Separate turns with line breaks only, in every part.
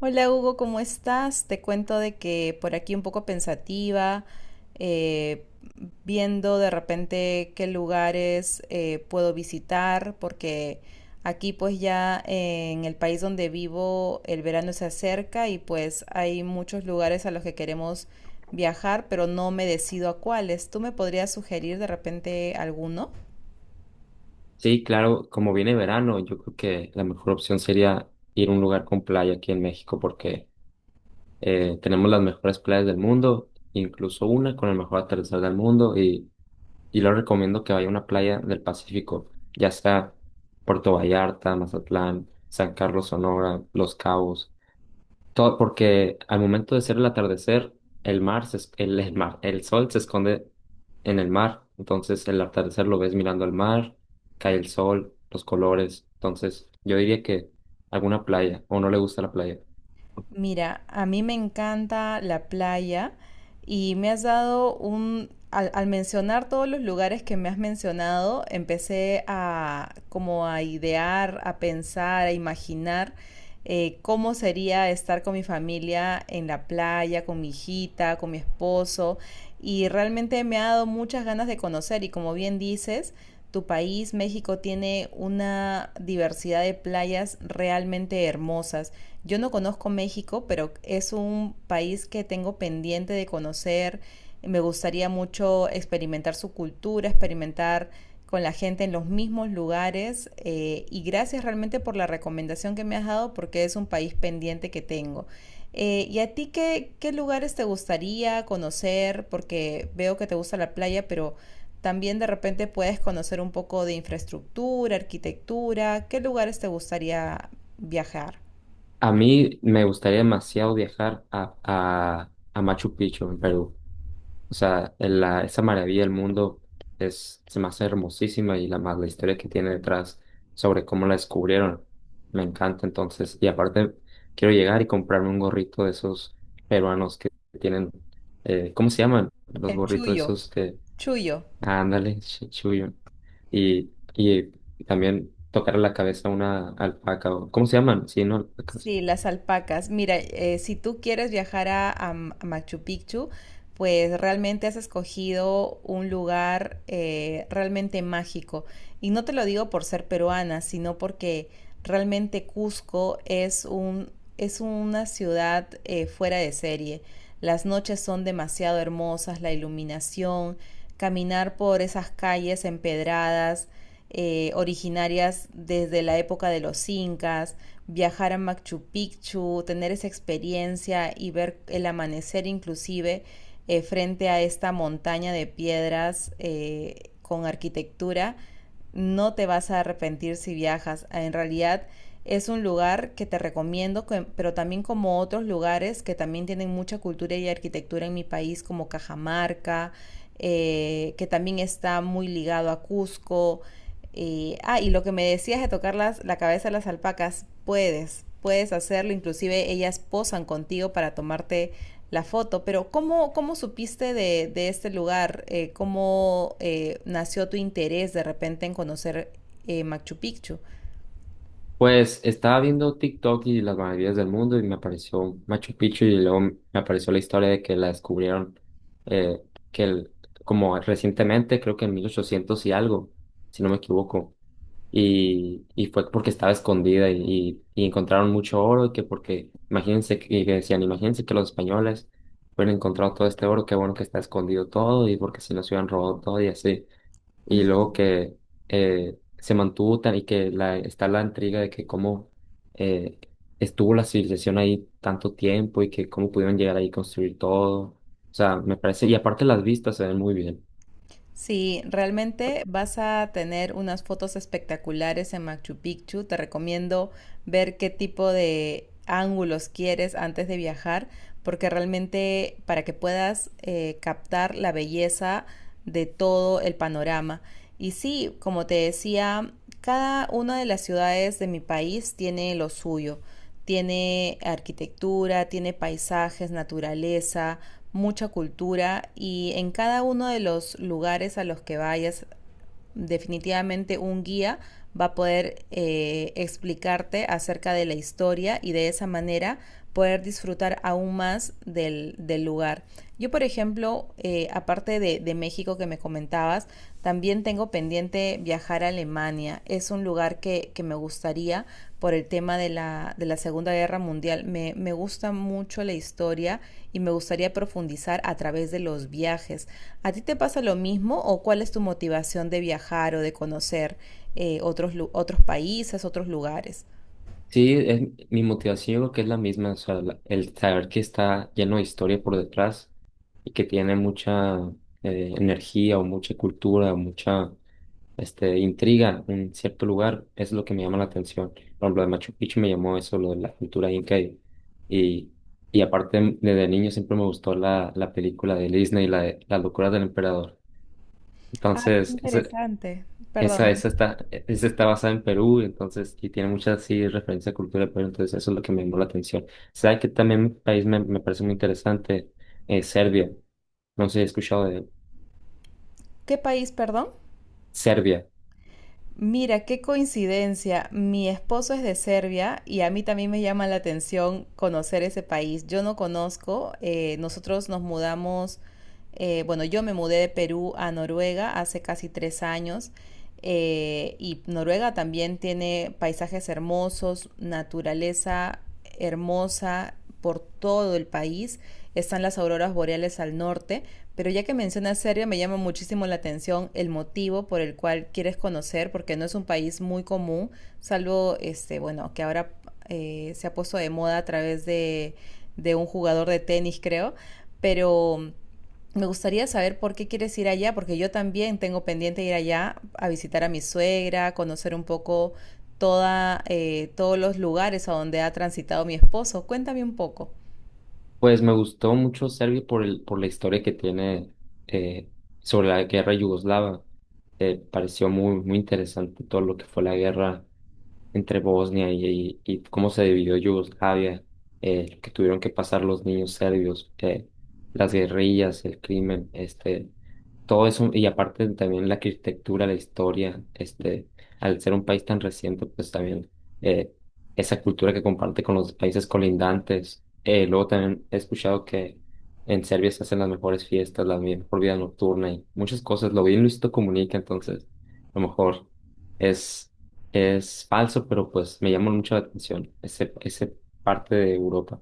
Hola Hugo, ¿cómo estás? Te cuento de que por aquí un poco pensativa, eh, viendo de repente qué lugares puedo visitar, porque aquí pues ya en el país donde vivo el verano se acerca y pues hay muchos lugares a los que queremos viajar, pero no me decido a cuáles. ¿Tú me podrías sugerir de repente alguno?
Sí, claro, como viene verano, yo creo que la mejor opción sería ir a un lugar con playa aquí en México porque tenemos las mejores playas del mundo, incluso una con el mejor atardecer del mundo y lo recomiendo que vaya a una playa del Pacífico, ya sea Puerto Vallarta, Mazatlán, San Carlos, Sonora, Los Cabos. Todo, porque al momento de ser el atardecer, el mar, el sol se esconde en el mar. Entonces el atardecer lo ves mirando al mar, cae el sol, los colores. Entonces yo diría que alguna playa, o no le gusta la playa.
Mira, a mí me encanta la playa y me has dado un, al, al mencionar todos los lugares que me has mencionado, empecé a como a idear, a pensar, a imaginar cómo sería estar con mi familia en la playa, con mi hijita, con mi esposo y realmente me ha dado muchas ganas de conocer y como bien dices, tu país, México, tiene una diversidad de playas realmente hermosas. Yo no conozco México, pero es un país que tengo pendiente de conocer. Me gustaría mucho experimentar su cultura, experimentar con la gente en los mismos lugares. Y gracias realmente por la recomendación que me has dado porque es un país pendiente que tengo. ¿Y a ti qué, qué lugares te gustaría conocer? Porque veo que te gusta la playa, pero también de repente puedes conocer un poco de infraestructura, arquitectura. ¿Qué lugares te gustaría viajar?
A mí me gustaría demasiado viajar a Machu Picchu en Perú. O sea, esa maravilla del mundo es, se me hace hermosísima y la historia que tiene detrás sobre cómo la descubrieron. Me encanta entonces. Y aparte, quiero llegar y comprarme un gorrito de esos peruanos que tienen, ¿cómo se llaman? Los
El
gorritos
chuyo,
esos que,
chuyo.
ah, ándale, chuyo. Y también tocar la cabeza a una alpaca, o, ¿cómo se llaman? Sí, no, alpacas.
Sí, las alpacas. Mira, si tú quieres viajar a a Machu Picchu, pues realmente has escogido un lugar realmente mágico. Y no te lo digo por ser peruana, sino porque realmente Cusco es un, es una ciudad fuera de serie. Las noches son demasiado hermosas, la iluminación, caminar por esas calles empedradas, originarias desde la época de los incas, viajar a Machu Picchu, tener esa experiencia y ver el amanecer inclusive frente a esta montaña de piedras con arquitectura, no te vas a arrepentir si viajas. En realidad es un lugar que te recomiendo, pero también como otros lugares que también tienen mucha cultura y arquitectura en mi país, como Cajamarca, que también está muy ligado a Cusco, y, ah, y lo que me decías de tocar la cabeza de las alpacas, puedes, puedes hacerlo, inclusive ellas posan contigo para tomarte la foto, pero ¿cómo, cómo supiste de este lugar? ¿Cómo nació tu interés de repente en conocer Machu Picchu?
Pues estaba viendo TikTok y las maravillas del mundo y me apareció Machu Picchu y luego me apareció la historia de que la descubrieron, eh, que el- como recientemente, creo que en 1800 y algo, si no me equivoco. Y fue porque estaba escondida y encontraron mucho oro, que porque, imagínense, que y que decían, imagínense que los españoles hubieran encontrado todo este oro, qué bueno que está escondido todo, y porque si nos hubieran robado todo y así. Y luego que se mantuvo tan, y que la, está la intriga de que cómo eh, estuvo la civilización ahí tanto tiempo y que cómo pudieron llegar ahí y construir todo. O sea, me parece, y aparte las vistas se ven muy bien.
Sí, realmente vas a tener unas fotos espectaculares en Machu Picchu. Te recomiendo ver qué tipo de ángulos quieres antes de viajar, porque realmente para que puedas captar la belleza de todo el panorama. Y sí, como te decía, cada una de las ciudades de mi país tiene lo suyo. Tiene arquitectura, tiene paisajes, naturaleza, mucha cultura y en cada uno de los lugares a los que vayas, definitivamente un guía va a poder explicarte acerca de la historia y de esa manera poder disfrutar aún más del, del lugar. Yo, por ejemplo, aparte de México que me comentabas, también tengo pendiente viajar a Alemania. Es un lugar que me gustaría por el tema de la Segunda Guerra Mundial. Me gusta mucho la historia y me gustaría profundizar a través de los viajes. ¿A ti te pasa lo mismo o cuál es tu motivación de viajar o de conocer otros, otros países, otros lugares?
Sí, es, mi motivación creo que es la misma, o sea, el saber que está lleno de historia por detrás y que tiene mucha energía o mucha cultura o mucha intriga en cierto lugar es lo que me llama la atención. Por ejemplo, de Machu Picchu me llamó eso, lo de la cultura inca y, y aparte desde niño siempre me gustó la película de Disney, la de Las locuras del emperador.
Ah, qué
Entonces,
interesante. Perdón.
esa está basada en Perú, entonces, y tiene muchas, sí, referencias a cultura de Perú, entonces eso es lo que me llamó la atención. ¿Sabes que también mi país me, me parece muy interesante? Serbia. No sé si he escuchado de
¿Qué país, perdón?
Serbia.
Mira, qué coincidencia. Mi esposo es de Serbia y a mí también me llama la atención conocer ese país. Yo no conozco, nosotros nos mudamos, bueno, yo me mudé de Perú a Noruega hace casi 3 años, y Noruega también tiene paisajes hermosos, naturaleza hermosa por todo el país. Están las auroras boreales al norte, pero ya que mencionas Serbia me llama muchísimo la atención el motivo por el cual quieres conocer, porque no es un país muy común, salvo este, bueno, que ahora se ha puesto de moda a través de un jugador de tenis, creo, pero me gustaría saber por qué quieres ir allá, porque yo también tengo pendiente ir allá a visitar a mi suegra, conocer un poco toda, todos los lugares a donde ha transitado mi esposo. Cuéntame un poco.
Pues me gustó mucho Serbia por la historia que tiene, eh, sobre la guerra yugoslava. Pareció muy, muy interesante todo lo que fue la guerra entre Bosnia , y cómo se dividió Yugoslavia, lo que tuvieron que pasar los niños serbios, las guerrillas, el crimen, todo eso, y aparte también la arquitectura, la historia, este, al ser un país tan reciente, pues también, eh, esa cultura que comparte con los países colindantes, luego también he escuchado que en Serbia se hacen las mejores fiestas, la mejor vida nocturna y muchas cosas. Lo vi en Luisito Comunica, entonces a lo mejor es, es falso, pero pues me llama mucho la atención ese parte de Europa.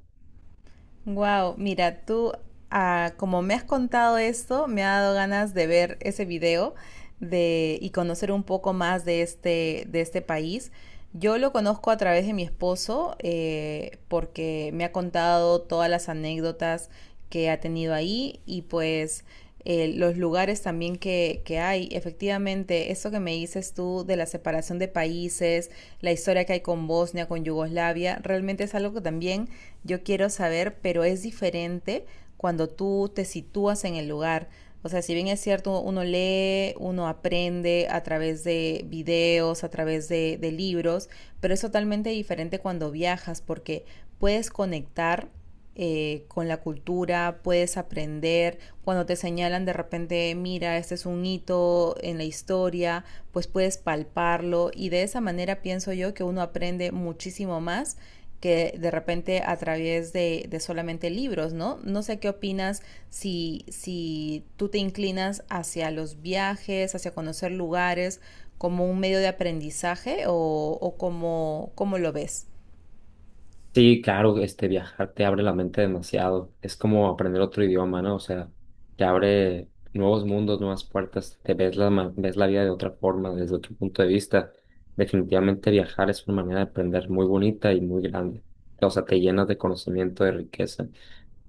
Wow, mira, tú, ah, como me has contado esto, me ha dado ganas de ver ese video de, y conocer un poco más de este país. Yo lo conozco a través de mi esposo, porque me ha contado todas las anécdotas que ha tenido ahí y pues los lugares también que, hay. Efectivamente, eso que me dices tú de la separación de países, la historia que hay con Bosnia, con Yugoslavia, realmente es algo que también yo quiero saber, pero es diferente cuando tú te sitúas en el lugar. O sea, si bien es cierto, uno lee, uno aprende a través de videos, a través de libros, pero es totalmente diferente cuando viajas porque puedes conectar con la cultura, puedes aprender. Cuando te señalan de repente, mira, este es un hito en la historia, pues puedes palparlo y de esa manera pienso yo que uno aprende muchísimo más que de repente a través de solamente libros, ¿no? No sé qué opinas si, si tú te inclinas hacia los viajes, hacia conocer lugares como un medio de aprendizaje o cómo, cómo lo ves.
Sí, claro, este, viajar te abre la mente demasiado. Es como aprender otro idioma, ¿no? O sea, te abre nuevos mundos, nuevas puertas, te ves ves la vida de otra forma, desde otro punto de vista. Definitivamente viajar es una manera de aprender muy bonita y muy grande. O sea, te llenas de conocimiento, de riqueza.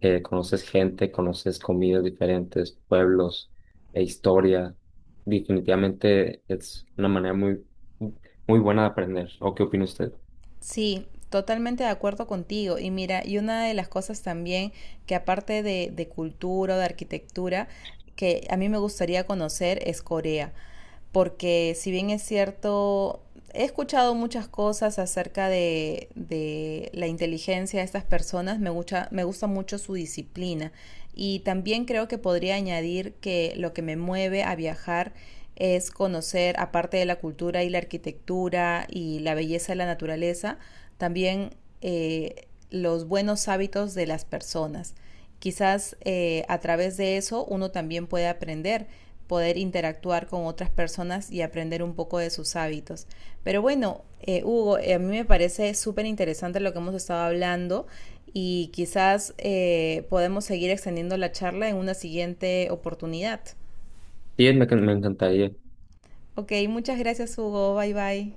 Conoces gente, conoces comidas diferentes, pueblos e historia. Definitivamente es una manera muy, muy buena de aprender. ¿O qué opina usted?
Sí, totalmente de acuerdo contigo. Y mira, y una de las cosas también que aparte de cultura o de arquitectura, que a mí me gustaría conocer es Corea porque si bien es cierto, he escuchado muchas cosas acerca de la inteligencia de estas personas, me gusta mucho su disciplina y también creo que podría añadir que lo que me mueve a viajar es conocer, aparte de la cultura y la arquitectura y la belleza de la naturaleza, también los buenos hábitos de las personas. Quizás a través de eso uno también puede aprender, poder interactuar con otras personas y aprender un poco de sus hábitos. Pero bueno, Hugo, a mí me parece súper interesante lo que hemos estado hablando y quizás podemos seguir extendiendo la charla en una siguiente oportunidad.
Sí, me encantaría.
Ok, muchas gracias Hugo, bye bye.